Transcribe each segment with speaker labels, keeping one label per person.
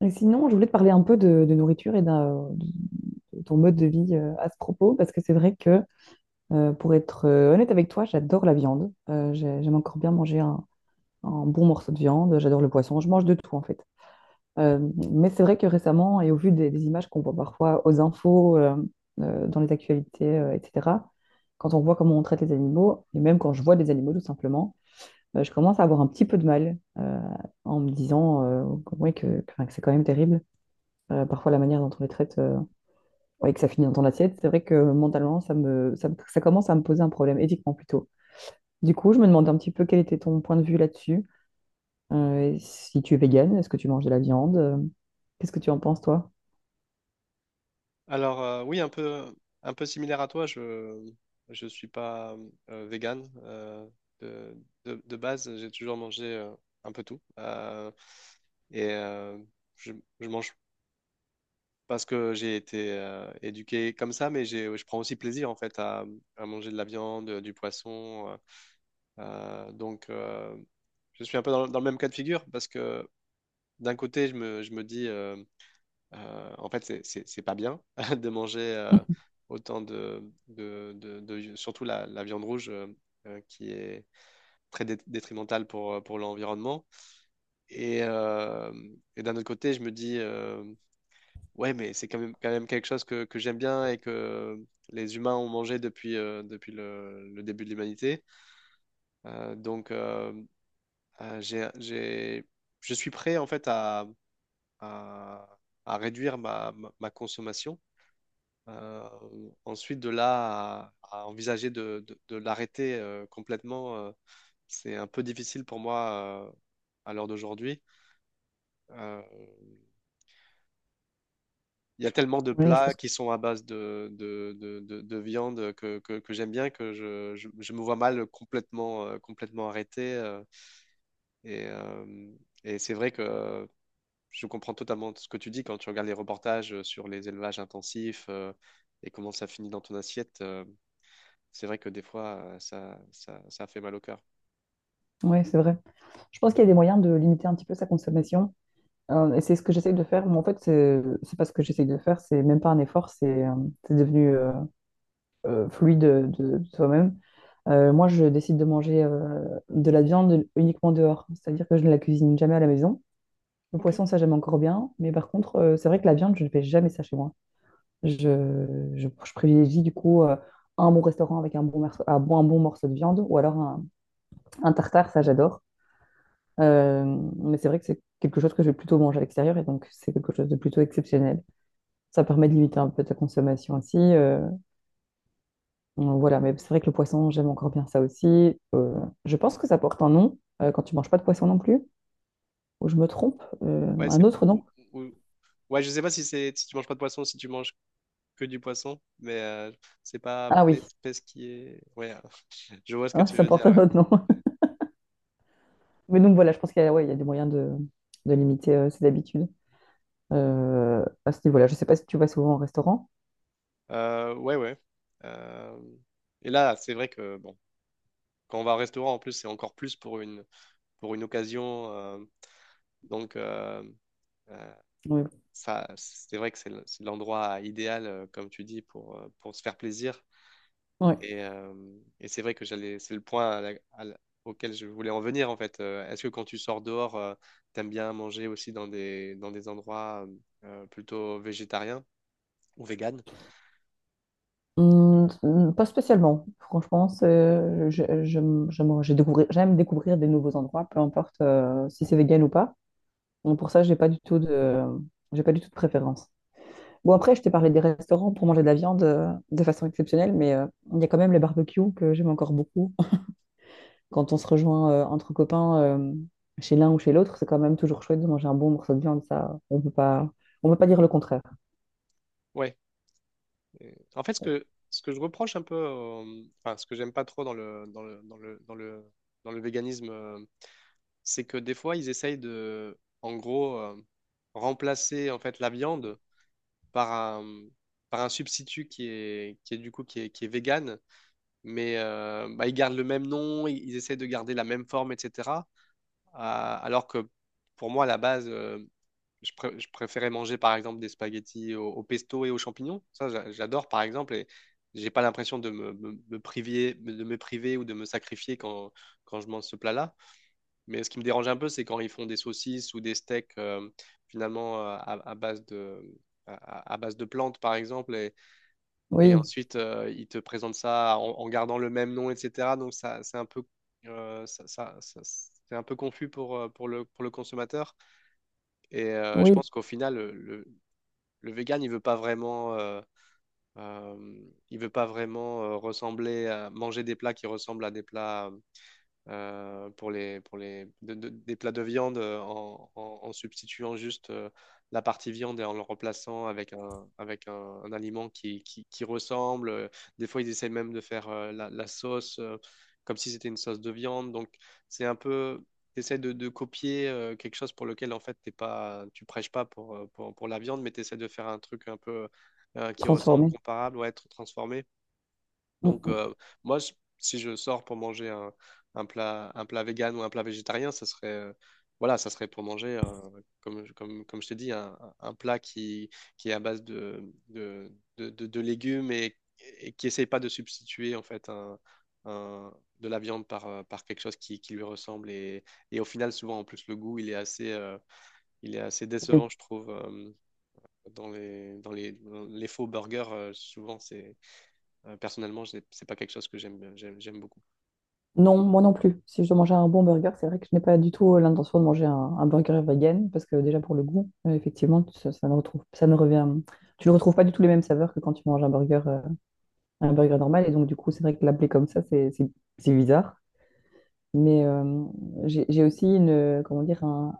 Speaker 1: Et sinon, je voulais te parler un peu de nourriture de ton mode de vie à ce propos, parce que c'est vrai que, pour être honnête avec toi, j'adore la viande. J'aime encore bien manger un bon morceau de viande. J'adore le poisson. Je mange de tout, en fait. Euh, mais c'est vrai que récemment, et au vu des images qu'on voit parfois aux infos, dans les actualités, etc., quand on voit comment on traite les animaux, et même quand je vois des animaux, tout simplement, je commence à avoir un petit peu de mal en me disant ouais, que c'est quand même terrible. Parfois, la manière dont on les traite et que ça finit dans ton assiette, c'est vrai que mentalement, ça commence à me poser un problème, éthiquement plutôt. Du coup, je me demandais un petit peu quel était ton point de vue là-dessus. Et si tu es végane, est-ce que tu manges de la viande? Qu'est-ce que tu en penses, toi?
Speaker 2: Oui, un peu similaire à toi, je suis pas vegan, de, de base, j'ai toujours mangé un peu tout. Et euh, je, je mange parce que j'ai été éduqué comme ça, mais je prends aussi plaisir en fait à manger de la viande, du poisson. Donc, je suis un peu dans le même cas de figure parce que d'un côté, je me dis. En fait, c'est pas bien de manger autant de, surtout la viande rouge euh, qui est très détrimentale pour l'environnement. Et, euh, et d'un autre côté, je me dis, ouais, mais c'est quand même quelque chose que j'aime bien et que les humains ont mangé depuis, depuis le début de l'humanité. Euh, donc, euh, euh, j'ai, j'ai- je suis prêt en fait à, à, à réduire ma consommation. Euh, ensuite, de là à envisager de l'arrêter complètement, c'est un peu difficile pour moi à l'heure d'aujourd'hui. Euh, Il y a tellement de
Speaker 1: Oui, je
Speaker 2: plats
Speaker 1: pense,
Speaker 2: qui sont à base de viande que j'aime bien que je me vois mal complètement, complètement arrêté. Et et c'est vrai que je comprends totalement ce que tu dis quand tu regardes les reportages sur les élevages intensifs et comment ça finit dans ton assiette. C'est vrai que des fois, ça fait mal au cœur.
Speaker 1: ouais, c'est vrai. Je pense qu'il y a des moyens de limiter un petit peu sa consommation. Et c'est ce que j'essaye de faire. Mais en fait, c'est pas ce que j'essaye de faire. C'est même pas un effort. C'est devenu fluide de toi-même. Moi, je décide de manger de la viande uniquement dehors, c'est-à-dire que je ne la cuisine jamais à la maison. Le
Speaker 2: Ok.
Speaker 1: poisson, ça j'aime encore bien, mais par contre, c'est vrai que la viande, je ne fais jamais ça chez moi. Je, je privilégie du coup un bon restaurant avec un bon morceau de viande ou alors un tartare, ça j'adore. Euh, mais c'est vrai que c'est quelque chose que je vais plutôt manger à l'extérieur et donc c'est quelque chose de plutôt exceptionnel. Ça permet de limiter un peu ta consommation aussi. Voilà, mais c'est vrai que le poisson, j'aime encore bien ça aussi. Euh, je pense que ça porte un nom quand tu manges pas de poisson non plus, ou je me trompe,
Speaker 2: Ouais,
Speaker 1: un autre nom.
Speaker 2: ou- Ouais, je sais pas si c'est si tu manges pas de poisson, si tu manges que du poisson, mais c'est pas
Speaker 1: Ah oui,
Speaker 2: pesquier. Ouais, je vois ce que
Speaker 1: hein,
Speaker 2: tu
Speaker 1: ça
Speaker 2: veux dire.
Speaker 1: porte un
Speaker 2: Ouais,
Speaker 1: autre nom. Mais donc voilà, je pense qu'il y a, ouais, il y a des moyens de limiter ses habitudes à ce niveau-là. Je sais pas si tu vas souvent au restaurant.
Speaker 2: euh, ouais, ouais. Euh, et là, c'est vrai que bon, quand on va au restaurant, en plus, c'est encore plus pour une occasion. Donc euh, euh,
Speaker 1: Oui.
Speaker 2: Ça, c'est vrai que c'est l'endroit idéal, comme tu dis, pour se faire plaisir.
Speaker 1: Ouais.
Speaker 2: Et, euh, et c'est vrai que j'allais, c'est le point auquel je voulais en venir en fait. Est-ce que quand tu sors dehors, t'aimes bien manger aussi dans des endroits plutôt végétariens ou véganes?
Speaker 1: Pas spécialement, franchement, j'aime découvrir des nouveaux endroits, peu importe si c'est vegan ou pas. Donc pour ça, j'ai pas du tout de préférence. Bon, après, je t'ai parlé des restaurants pour manger de la viande de façon exceptionnelle, mais il y a quand même les barbecues que j'aime encore beaucoup. Quand on se rejoint entre copains chez l'un ou chez l'autre, c'est quand même toujours chouette de manger un bon morceau de viande, ça, on peut pas dire le contraire.
Speaker 2: Ouais. Et en fait, ce que je reproche un peu, enfin, ce que j'aime pas trop dans le véganisme, c'est que des fois, ils essayent de, en gros, remplacer en fait la viande par un, par un substitut qui est du coup qui est vegan, mais bah, ils gardent le même nom, ils essayent de garder la même forme, etc. Alors que pour moi, à la base, je préférais manger par exemple des spaghettis au pesto et aux champignons. Ça, j'adore par exemple et j'ai pas l'impression de me priver, de me priver ou de me sacrifier quand, quand je mange ce plat-là. Mais ce qui me dérange un peu, c'est quand ils font des saucisses ou des steaks finalement à base de, à base de plantes, par exemple, et
Speaker 1: Oui,
Speaker 2: ensuite ils te présentent ça en, en gardant le même nom, etc. Donc ça, c'est un peu, c'est un peu confus pour le consommateur. Et je
Speaker 1: oui,
Speaker 2: pense qu'au final, le vegan, il veut pas vraiment. Euh, il veut pas vraiment ressembler à manger des plats qui ressemblent à des plats pour les, de- des plats de viande en substituant juste la partie viande et en le remplaçant avec un, un aliment qui ressemble. Des fois, ils essayent même de faire la sauce comme si c'était une sauce de viande. Donc, c'est un peu, tu de copier quelque chose pour lequel, en fait, t'es pas, tu prêches pas pour, pour la viande, mais tu essaies de faire un truc un peu qui ressemble,
Speaker 1: transformé.
Speaker 2: comparable, ouais, être transformé.
Speaker 1: Mm,
Speaker 2: Donc,
Speaker 1: mm,
Speaker 2: moi, je- si je sors pour manger un, un plat vegan ou un plat végétarien, ça serait, voilà, ça serait pour manger, comme, comme je t'ai dit, un plat qui est à base de légumes et qui essaye pas de substituer, en fait, un- de la viande par, par quelque chose qui lui ressemble. Et au final, souvent, en plus, le goût, il est assez
Speaker 1: oui.
Speaker 2: décevant, je trouve. Dans dans les faux burgers, souvent, c'est personnellement, c'est pas quelque chose que j'aime beaucoup.
Speaker 1: Non, moi non plus. Si je dois manger un bon burger, c'est vrai que je n'ai pas du tout l'intention de manger un burger vegan, parce que déjà pour le goût, effectivement, ça ne revient, tu ne retrouves pas du tout les mêmes saveurs que quand tu manges un burger normal. Et donc, du coup, c'est vrai que l'appeler comme ça, c'est bizarre. Mais j'ai aussi une, comment dire,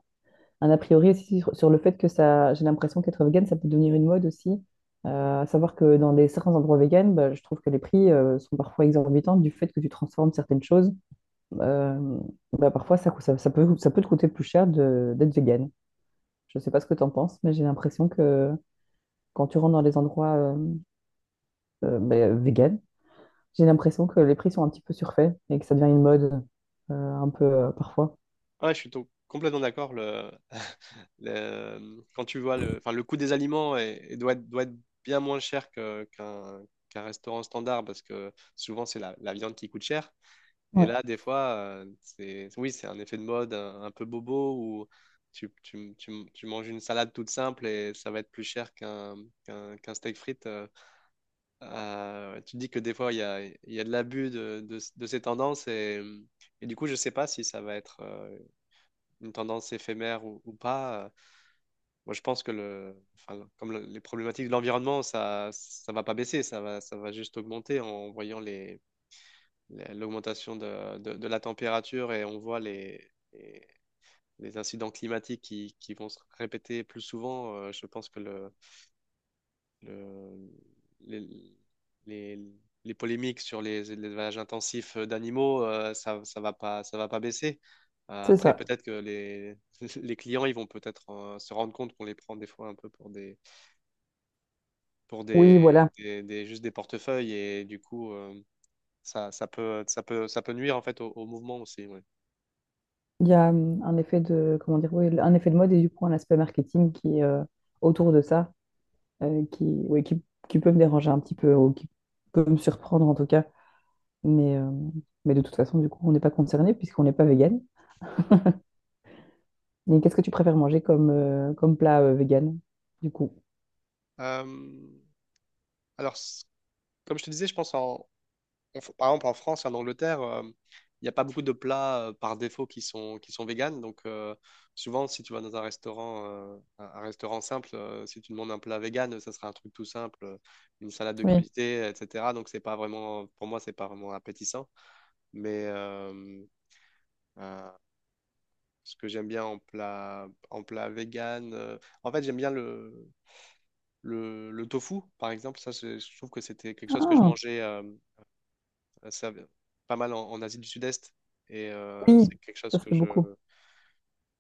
Speaker 1: un a priori aussi sur, sur le fait que ça, j'ai l'impression qu'être vegan, ça peut devenir une mode aussi. À savoir que certains endroits vegan, bah, je trouve que les prix sont parfois exorbitants du fait que tu transformes certaines choses. Euh, Bah, parfois, ça, cou- ça, ça peut te coûter plus cher d'être vegan. Je ne sais pas ce que tu en penses, mais j'ai l'impression que quand tu rentres dans les endroits bah, vegan, j'ai l'impression que les prix sont un petit peu surfaits et que ça devient une mode un peu parfois.
Speaker 2: Ah ouais, je suis complètement d'accord. Quand tu vois le, enfin, le coût des aliments doit être bien moins cher qu'un qu'un restaurant standard parce que souvent c'est la viande qui coûte cher. Et
Speaker 1: Ouais,
Speaker 2: là, des fois, c'est, oui, c'est un effet de mode un peu bobo où tu manges une salade toute simple et ça va être plus cher qu'un steak frites. Tu dis que des fois, il y a de l'abus de ces tendances et du coup, je ne sais pas si ça va être une tendance éphémère ou pas. Moi, je pense que le, enfin, les problématiques de l'environnement, ça va pas baisser, ça va juste augmenter en voyant les, l'augmentation de la température et on voit les incidents climatiques qui vont se répéter plus souvent. Je pense que le- les, les, les polémiques sur les élevages intensifs d'animaux, ça va pas baisser.
Speaker 1: c'est
Speaker 2: Après,
Speaker 1: ça.
Speaker 2: peut-être que les, les clients, ils vont peut-être se rendre compte qu'on les prend des fois un peu pour des, pour des,
Speaker 1: Oui, voilà.
Speaker 2: juste des portefeuilles et du coup, ça peut nuire en fait au, au mouvement aussi. Ouais.
Speaker 1: Il y a un effet de, comment dire, oui, un effet de mode et du coup un aspect marketing qui est autour de ça, euh, qui, oui, qui, qui peut me déranger un petit peu ou qui peut me surprendre en tout cas. Mais, euh, mais de toute façon, du coup, on n'est pas concerné puisqu'on n'est pas vegan. Mais qu'est-ce que tu préfères manger comme, comme plat vegan, du coup?
Speaker 2: Euh, alors, comme je te disais, je pense en, par exemple, en France et en Angleterre, il n'y a pas beaucoup de plats par défaut qui sont véganes. Donc, souvent, si tu vas dans un restaurant simple, si tu demandes un plat vegan, ça sera un truc tout simple, une salade de
Speaker 1: Oui.
Speaker 2: crudités, etc. Donc, c'est pas vraiment, pour moi, c'est pas vraiment appétissant. Mais euh, ce que j'aime bien en plat vegan, en fait, j'aime bien le tofu, par exemple. Ça, je trouve que c'était quelque chose que je
Speaker 1: Ah,
Speaker 2: mangeais. Euh, ça- Pas mal en, en Asie du Sud-Est. Et
Speaker 1: oui,
Speaker 2: c'est quelque chose
Speaker 1: ça se
Speaker 2: que
Speaker 1: fait beaucoup.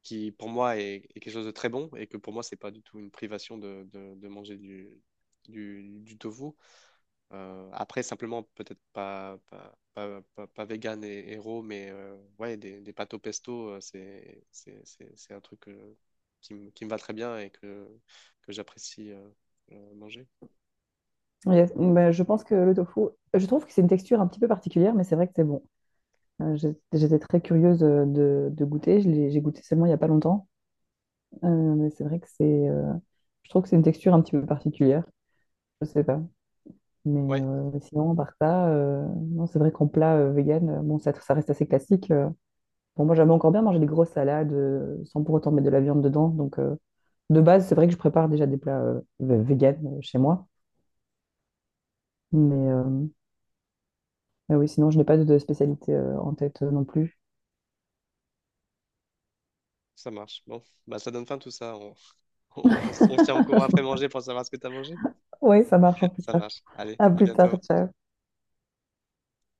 Speaker 2: qui, pour moi, est quelque chose de très bon et que pour moi, c'est pas du tout une privation de, de manger du tofu. Après, simplement, peut-être pas, pas, pas, pas, pas vegan et raw, mais ouais, des pâtes au pesto, c'est un truc qui, qui me va très bien et que j'apprécie manger.
Speaker 1: Yes. Ben, je pense que le tofu, je trouve que c'est une texture un petit peu particulière, mais c'est vrai que c'est bon. J'étais très curieuse de goûter. J'ai goûté seulement il n'y a pas longtemps. Euh, mais c'est vrai que c'est. Euh, je trouve que c'est une texture un petit peu particulière. Je sais pas. Mais
Speaker 2: Ouais,
Speaker 1: sinon, par ça, non, c'est vrai qu'en plat vegan, bon, ça reste assez classique. Bon, moi, j'aime encore bien manger des grosses salades sans pour autant mettre de la viande dedans. Donc, de base, c'est vrai que je prépare déjà des plats vegan chez moi. Mais, euh, Mais oui, sinon, je n'ai pas de spécialité en tête non plus.
Speaker 2: ça marche. Bon, bah, ça donne fin tout ça. On se tient au courant après manger pour savoir ce que t'as mangé?
Speaker 1: Oui, ça marche en plus
Speaker 2: Ça
Speaker 1: tard.
Speaker 2: marche. Allez,
Speaker 1: À
Speaker 2: à
Speaker 1: plus tard,
Speaker 2: bientôt.
Speaker 1: ciao.